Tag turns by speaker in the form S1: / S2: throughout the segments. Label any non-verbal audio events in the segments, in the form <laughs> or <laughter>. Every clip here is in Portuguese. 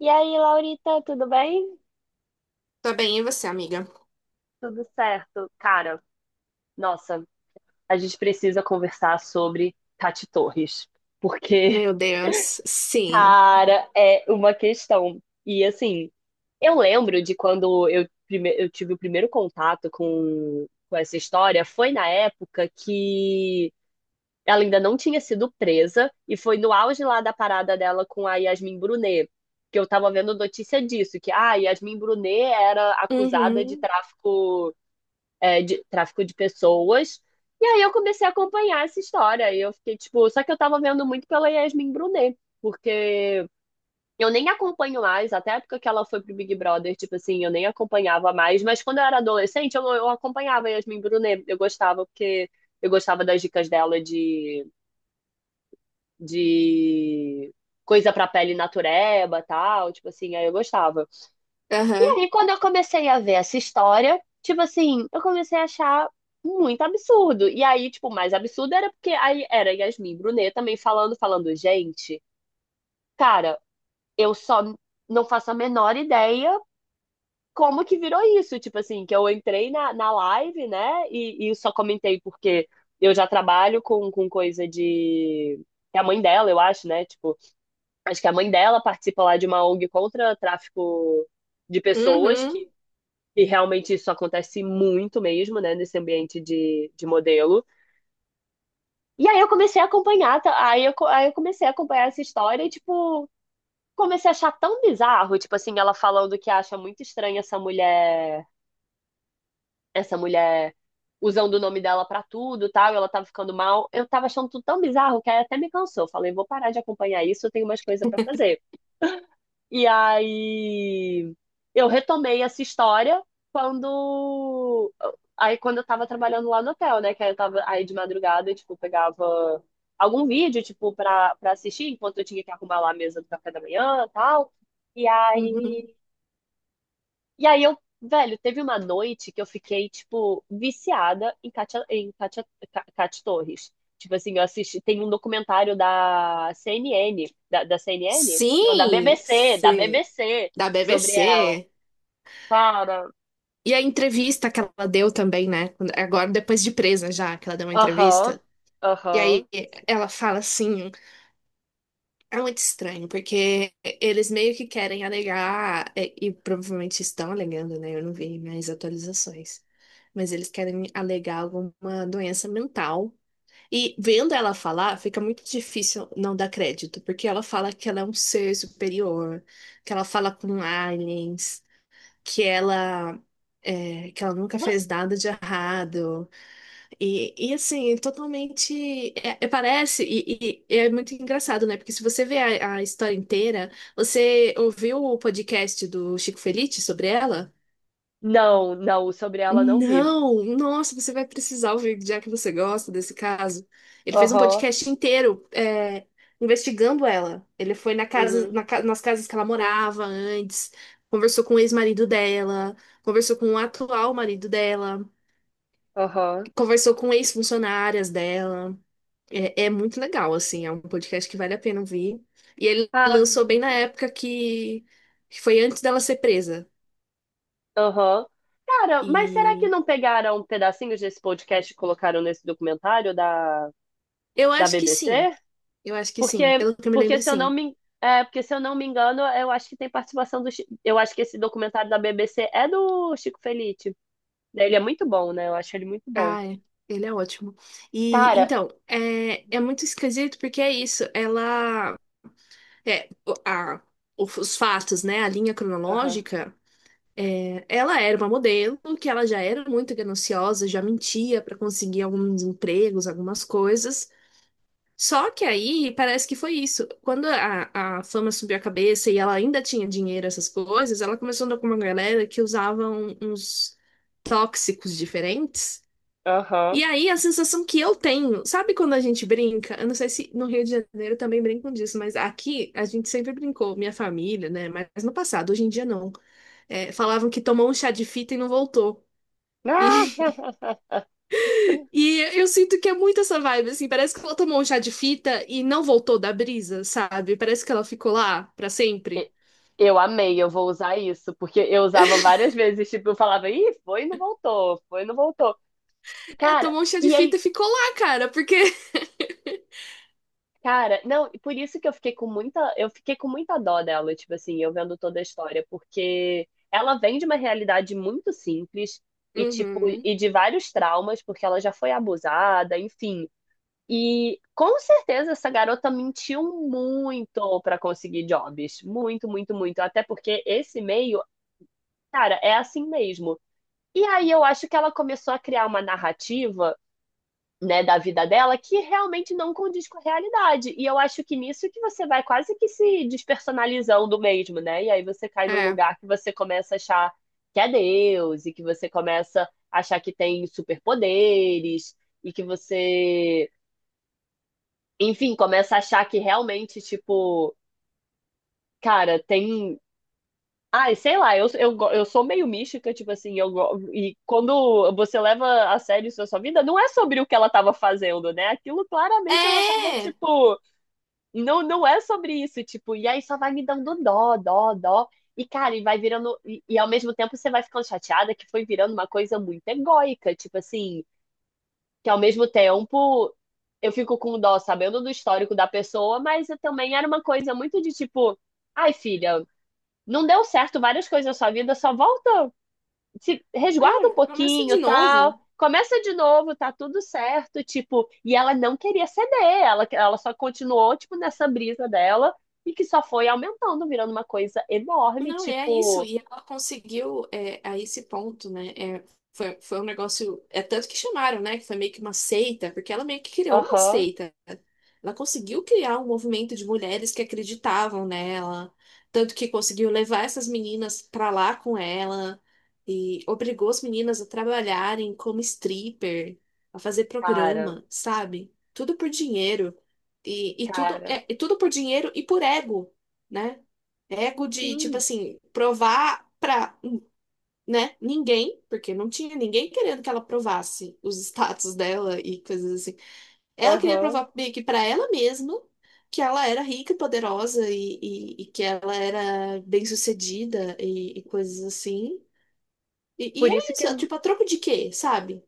S1: E aí, Laurita, tudo bem?
S2: Tá bem, e você, amiga?
S1: Tudo certo. Cara, nossa, a gente precisa conversar sobre Tati Torres, porque,
S2: Meu Deus, sim.
S1: cara, é uma questão. E assim, eu lembro de quando eu tive o primeiro contato com essa história, foi na época que ela ainda não tinha sido presa, e foi no auge lá da parada dela com a Yasmin Brunet. Que eu tava vendo notícia disso, que a Yasmin Brunet era acusada de
S2: Uhum,
S1: tráfico de pessoas. E aí eu comecei a acompanhar essa história. E eu fiquei, tipo, só que eu tava vendo muito pela Yasmin Brunet, porque eu nem acompanho mais, até a época que ela foi pro Big Brother, tipo assim, eu nem acompanhava mais, mas quando eu era adolescente, eu acompanhava a Yasmin Brunet. Eu gostava, porque eu gostava das dicas dela de coisa pra pele natureba, e tal, tipo assim, aí eu gostava.
S2: aham,
S1: E quando eu comecei a ver essa história, tipo assim, eu comecei a achar muito absurdo. E aí, tipo, o mais absurdo era porque aí era Yasmin Brunet também falando, falando, gente, cara, eu só não faço a menor ideia como que virou isso. Tipo assim, que eu entrei na live, né? E só comentei porque eu já trabalho com coisa de. É a mãe dela, eu acho, né? Tipo, acho que a mãe dela participa lá de uma ONG contra tráfico de pessoas
S2: uhum,
S1: que e realmente isso acontece muito mesmo, né, nesse ambiente de modelo. E aí eu comecei a acompanhar, tá? Aí eu comecei a acompanhar essa história e, tipo, comecei a achar tão bizarro, tipo assim, ela falando que acha muito estranha essa mulher usando o nome dela pra tudo, tal, e ela tava ficando mal. Eu tava achando tudo tão bizarro que aí até me cansou. Falei, vou parar de acompanhar isso, eu tenho umas coisas pra fazer. E aí eu retomei essa história quando quando eu tava trabalhando lá no hotel, né? Que aí eu tava aí de madrugada, eu, tipo, pegava algum vídeo, tipo, pra, pra assistir enquanto eu tinha que arrumar lá a mesa do café da manhã e tal. E
S2: uhum.
S1: aí e aí eu, velho, teve uma noite que eu fiquei, tipo, viciada em Cátia Torres. Tipo assim, eu assisti, tem um documentário da CNN, da, da CNN? Não, da
S2: Sim, sim.
S1: BBC,
S2: Da
S1: sobre ela.
S2: BBC.
S1: Cara,
S2: E a entrevista que ela deu também, né? Agora, depois de presa já, que ela deu uma
S1: aham,
S2: entrevista. E
S1: aham.
S2: aí ela fala assim, é muito estranho, porque eles meio que querem alegar, e provavelmente estão alegando, né? Eu não vi mais atualizações. Mas eles querem alegar alguma doença mental. E vendo ela falar, fica muito difícil não dar crédito, porque ela fala que ela é um ser superior, que ela fala com aliens, que ela que ela nunca fez
S1: Você...
S2: nada de errado. E assim, totalmente parece, e é muito engraçado, né? Porque se você vê a história inteira, você ouviu o podcast do Chico Felitti sobre ela?
S1: Não, não, sobre ela não vi.
S2: Não, nossa, você vai precisar ouvir, já que você gosta desse caso. Ele fez um
S1: Aham,
S2: podcast inteiro, investigando ela. Ele foi na casa,
S1: uhum,
S2: na ca- nas casas que ela morava antes, conversou com o ex-marido dela, conversou com o atual marido dela,
S1: aham.
S2: conversou com ex-funcionárias dela. É muito legal, assim, é um podcast que vale a pena ouvir. E ele
S1: Ah,
S2: lançou bem na época que foi antes dela ser presa.
S1: aham. Cara, mas será que
S2: E
S1: não pegaram pedacinhos desse podcast e colocaram nesse documentário da,
S2: eu
S1: da
S2: acho que sim.
S1: BBC?
S2: Eu acho que sim,
S1: Porque,
S2: pelo que eu me
S1: porque
S2: lembro,
S1: se eu não
S2: sim.
S1: me, é, porque se eu não me engano, eu acho que tem participação do, eu acho que esse documentário da BBC é do Chico Felitti. Né, ele é muito bom, né? Eu acho ele muito bom.
S2: Ah, é. Ele é ótimo. E
S1: Cara,
S2: então, é muito esquisito porque é isso. Ela. É, o- a, os fatos, né? A linha
S1: aham,
S2: cronológica. Ela era uma modelo que ela já era muito gananciosa, já mentia para conseguir alguns empregos, algumas coisas. Só que aí parece que foi isso. Quando a fama subiu a cabeça e ela ainda tinha dinheiro, essas coisas, ela começou a andar com uma galera que usava uns tóxicos diferentes. E
S1: aham.
S2: aí, a sensação que eu tenho, sabe quando a gente brinca? Eu não sei se no Rio de Janeiro também brincam disso, mas aqui a gente sempre brincou, minha família, né? Mas no passado, hoje em dia não. É, falavam que tomou um chá de fita e não voltou.
S1: Ah!
S2: E,
S1: <laughs>
S2: <laughs> e eu sinto que é muito essa vibe, assim, parece que ela tomou um chá de fita e não voltou da brisa, sabe? Parece que ela ficou lá pra sempre.
S1: E- eu amei, eu vou usar isso, porque eu usava várias vezes, tipo, eu falava, ih, foi e não voltou, foi e não voltou.
S2: É,
S1: Cara,
S2: tomou um chá de
S1: e é
S2: fita e ficou lá, cara, porque. <laughs>
S1: Cara, não, e por isso que eu fiquei com muita, eu fiquei com muita dó dela, tipo assim, eu vendo toda a história, porque ela vem de uma realidade muito simples e tipo,
S2: Uhum,
S1: e de vários traumas, porque ela já foi abusada, enfim. E com certeza essa garota mentiu muito pra conseguir jobs, muito, muito, muito, até porque esse meio, cara, é assim mesmo. E aí eu acho que ela começou a criar uma narrativa, né, da vida dela que realmente não condiz com a realidade. E eu acho que nisso que você vai quase que se despersonalizando mesmo, né? E aí você cai num
S2: é.
S1: lugar que você começa a achar que é Deus e que você começa a achar que tem superpoderes e que você, enfim, começa a achar que realmente, tipo, cara, tem ai, sei lá, eu sou meio mística, tipo assim, e quando você leva a sério isso na sua vida, não é sobre o que ela estava fazendo, né? Aquilo claramente ela tava,
S2: É!
S1: tipo, não é sobre isso, tipo, e aí só vai me dando dó, dó, dó. E, cara, e vai virando, e ao mesmo tempo você vai ficando chateada que foi virando uma coisa muito egóica, tipo assim, que ao mesmo tempo eu fico com dó sabendo do histórico da pessoa, mas eu também era uma coisa muito de tipo, ai, filha, não deu certo várias coisas na sua vida, só volta, se resguarda
S2: É,
S1: um
S2: começa de
S1: pouquinho, tal.
S2: novo.
S1: Começa de novo, tá tudo certo, tipo, e ela não queria ceder, ela só continuou, tipo, nessa brisa dela, e que só foi aumentando, virando uma coisa enorme,
S2: Não, é isso.
S1: tipo,
S2: E ela conseguiu a esse ponto, né? É, foi um negócio. É tanto que chamaram, né? Que foi meio que uma seita, porque ela meio que criou uma
S1: aham,
S2: seita. Ela conseguiu criar um movimento de mulheres que acreditavam nela. Tanto que conseguiu levar essas meninas pra lá com ela. E obrigou as meninas a trabalharem como stripper, a fazer
S1: cara,
S2: programa, sabe? Tudo por dinheiro. E, e tudo,
S1: cara,
S2: é, e tudo por dinheiro e por ego. Né? Ego de, tipo
S1: sim,
S2: assim, provar pra, né, ninguém, porque não tinha ninguém querendo que ela provasse os status dela e coisas assim. Ela queria
S1: aham.
S2: provar meio que pra ela mesma que ela era rica e poderosa e que ela era bem-sucedida e coisas assim. E
S1: Por
S2: era
S1: isso que
S2: isso,
S1: é
S2: é tipo, a troco de quê, sabe?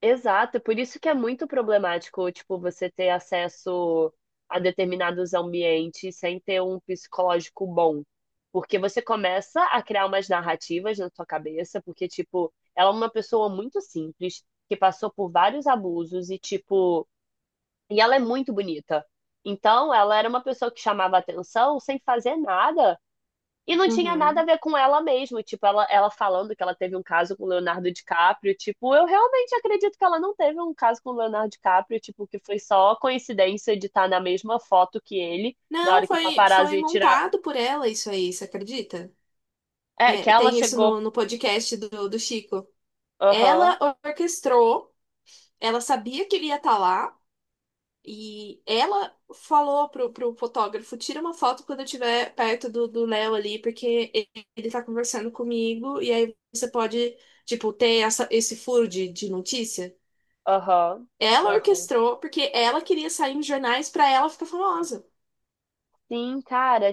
S1: Exato, por isso que é muito problemático, tipo, você ter acesso a determinados ambientes sem ter um psicológico bom. Porque você começa a criar umas narrativas na sua cabeça, porque, tipo, ela é uma pessoa muito simples, que passou por vários abusos e, tipo, e ela é muito bonita. Então, ela era uma pessoa que chamava atenção sem fazer nada. E não tinha nada a
S2: Uhum.
S1: ver com ela mesmo. Tipo, ela falando que ela teve um caso com o Leonardo DiCaprio. Tipo, eu realmente acredito que ela não teve um caso com o Leonardo DiCaprio. Tipo, que foi só coincidência de estar na mesma foto que ele. Na
S2: Não,
S1: hora que o
S2: foi,
S1: paparazzi
S2: foi
S1: ia tirar.
S2: montado por ela isso aí, você acredita?
S1: É, que
S2: É,
S1: ela
S2: tem isso
S1: chegou.
S2: no podcast do Chico.
S1: Aham,
S2: Ela orquestrou. Ela sabia que ele ia estar lá e ela falou pro fotógrafo: tira uma foto quando eu estiver perto do Léo ali, porque ele tá conversando comigo e aí você pode, tipo, ter essa, esse furo de notícia.
S1: aham,
S2: Ela
S1: aham.
S2: orquestrou porque ela queria sair nos jornais pra ela ficar famosa.
S1: Sim, cara,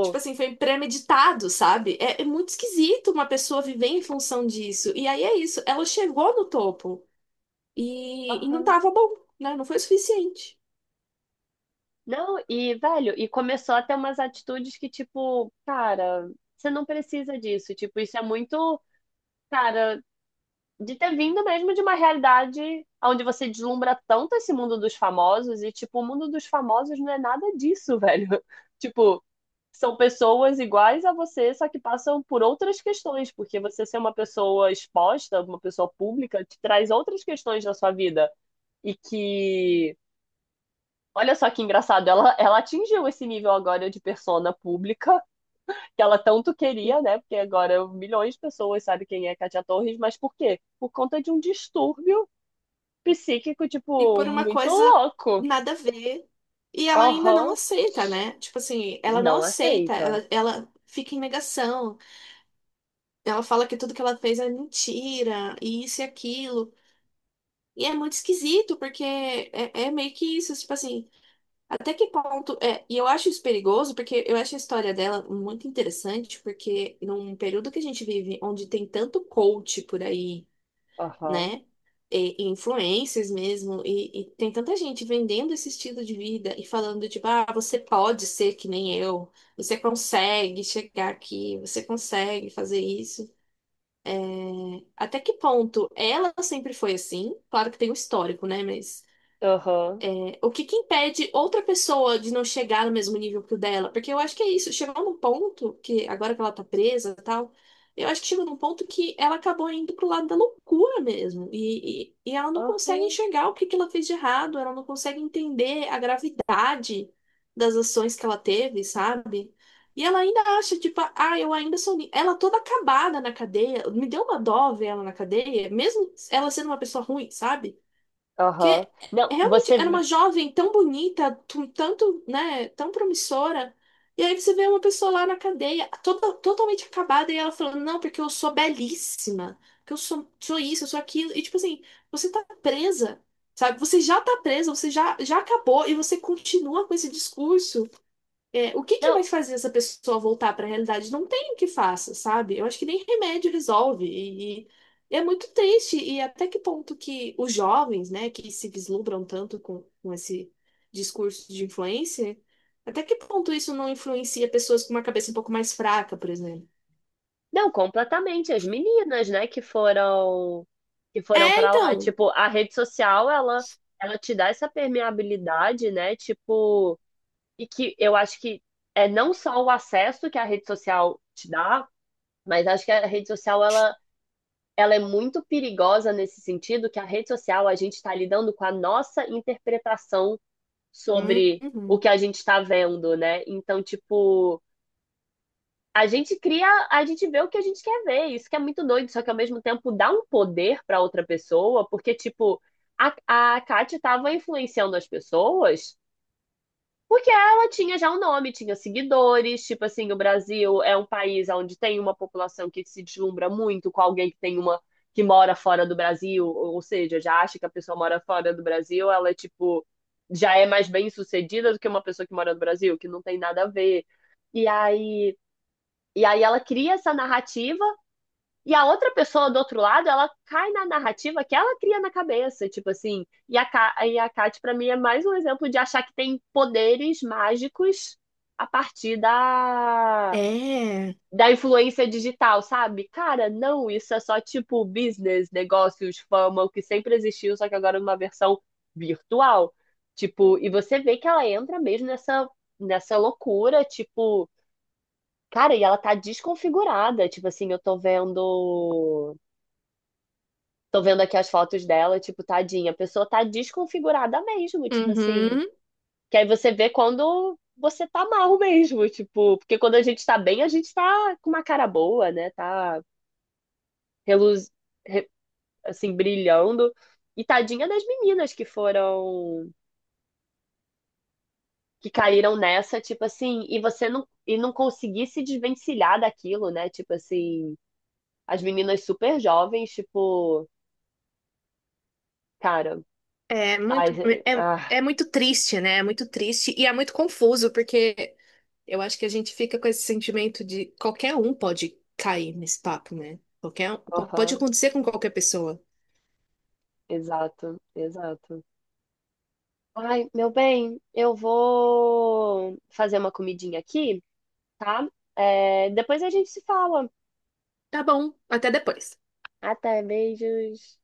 S2: Tipo assim, foi premeditado, sabe? É muito esquisito uma pessoa viver em função disso. E aí é isso, ela chegou no topo e não
S1: Aham.
S2: tava bom, né? Não foi o suficiente.
S1: Não, e, velho, e começou a ter umas atitudes que, tipo, cara, você não precisa disso. Tipo, isso é muito. Cara, de ter vindo mesmo de uma realidade onde você deslumbra tanto esse mundo dos famosos e, tipo, o mundo dos famosos não é nada disso, velho. <laughs> Tipo, são pessoas iguais a você, só que passam por outras questões, porque você ser uma pessoa exposta, uma pessoa pública, te traz outras questões na sua vida. E que. Olha só que engraçado, ela atingiu esse nível agora de persona pública que ela tanto queria, né? Porque agora milhões de pessoas sabem quem é Katia Torres, mas por quê? Por conta de um distúrbio psíquico,
S2: E
S1: tipo,
S2: por uma
S1: muito
S2: coisa
S1: louco.
S2: nada a ver. E ela ainda não
S1: Aham.
S2: aceita, né? Tipo assim, ela não
S1: Não
S2: aceita,
S1: aceita.
S2: ela fica em negação. Ela fala que tudo que ela fez é mentira, e isso e aquilo. E é muito esquisito, porque é meio que isso, tipo assim, até que ponto. É, e eu acho isso perigoso, porque eu acho a história dela muito interessante, porque num período que a gente vive, onde tem tanto coach por aí,
S1: Aham.
S2: né? E influencers mesmo, e tem tanta gente vendendo esse estilo de vida e falando, tipo, ah, você pode ser que nem eu, você consegue chegar aqui, você consegue fazer isso. Até que ponto ela sempre foi assim? Claro que tem um histórico, né? Mas
S1: Aham.
S2: o que que impede outra pessoa de não chegar no mesmo nível que o dela? Porque eu acho que é isso, chegou num ponto que, agora que ela tá presa e tal, eu acho que chegou num ponto que ela acabou indo pro lado da loucura mesmo. E ela não consegue
S1: Aham.
S2: enxergar o que que ela fez de errado, ela não consegue entender a gravidade das ações que ela teve, sabe? E ela ainda acha, tipo, ah, eu ainda sou. Ela toda acabada na cadeia, me deu uma dó ver ela na cadeia, mesmo ela sendo uma pessoa ruim, sabe?
S1: Aham.
S2: Que realmente era uma jovem tão bonita, tanto, né, tão promissora. E aí você vê uma pessoa lá na cadeia, toda, totalmente acabada, e ela falando, não, porque eu sou belíssima, que eu sou isso, eu sou aquilo. E tipo assim, você tá presa, sabe? Você já tá presa, você já acabou, e você continua com esse discurso. É, o que que
S1: Não,
S2: vai fazer essa pessoa voltar para a realidade? Não tem o que faça, sabe? Eu acho que nem remédio resolve. E é muito triste. E até que ponto que os jovens, né, que se vislumbram tanto com esse discurso de influência, até que ponto isso não influencia pessoas com uma cabeça um pouco mais fraca, por exemplo?
S1: não, completamente. As meninas, né, que foram. Que foram
S2: É,
S1: pra lá.
S2: então.
S1: Tipo, a rede social, ela te dá essa permeabilidade, né? Tipo. E que eu acho que é não só o acesso que a rede social te dá, mas acho que a rede social, ela é muito perigosa nesse sentido que a rede social a gente está lidando com a nossa interpretação sobre o
S2: Uhum.
S1: que a gente está vendo, né? Então, tipo, a gente cria, a gente vê o que a gente quer ver, isso que é muito doido, só que ao mesmo tempo dá um poder para outra pessoa, porque, tipo, a, a Kátia estava influenciando as pessoas porque ela tinha já um nome, tinha seguidores, tipo assim, o Brasil é um país onde tem uma população que se deslumbra muito com alguém que tem uma que mora fora do Brasil, ou seja, já acha que a pessoa mora fora do Brasil, ela é tipo já é mais bem-sucedida do que uma pessoa que mora no Brasil, que não tem nada a ver. E aí, ela cria essa narrativa e a outra pessoa do outro lado, ela cai na narrativa que ela cria na cabeça, tipo assim. E a Kat, pra mim, é mais um exemplo de achar que tem poderes mágicos a partir da,
S2: É,
S1: da influência digital, sabe? Cara, não, isso é só tipo business, negócios, fama, o que sempre existiu, só que agora numa versão virtual. Tipo, e você vê que ela entra mesmo nessa loucura, tipo. Cara, e ela tá desconfigurada. Tipo assim, eu tô vendo aqui as fotos dela, tipo, tadinha. A pessoa tá desconfigurada mesmo, tipo assim.
S2: uhum.
S1: Que aí você vê quando você tá mal mesmo, tipo. Porque quando a gente tá bem, a gente tá com uma cara boa, né? Tá reluz... re- assim, brilhando. E tadinha das meninas que foram. Que caíram nessa, tipo assim. E você não. E não conseguir se desvencilhar daquilo, né? Tipo assim. As meninas super jovens, tipo. Cara.
S2: É
S1: Ai,
S2: muito, é,
S1: ah,
S2: é muito triste, né? É muito triste e é muito confuso, porque eu acho que a gente fica com esse sentimento de qualquer um pode cair nesse papo, né? Pode
S1: aham,
S2: acontecer com qualquer pessoa.
S1: exato, exato. Ai, meu bem, eu vou fazer uma comidinha aqui, tá? É, depois a gente se fala.
S2: Tá bom, até depois.
S1: Até, beijos.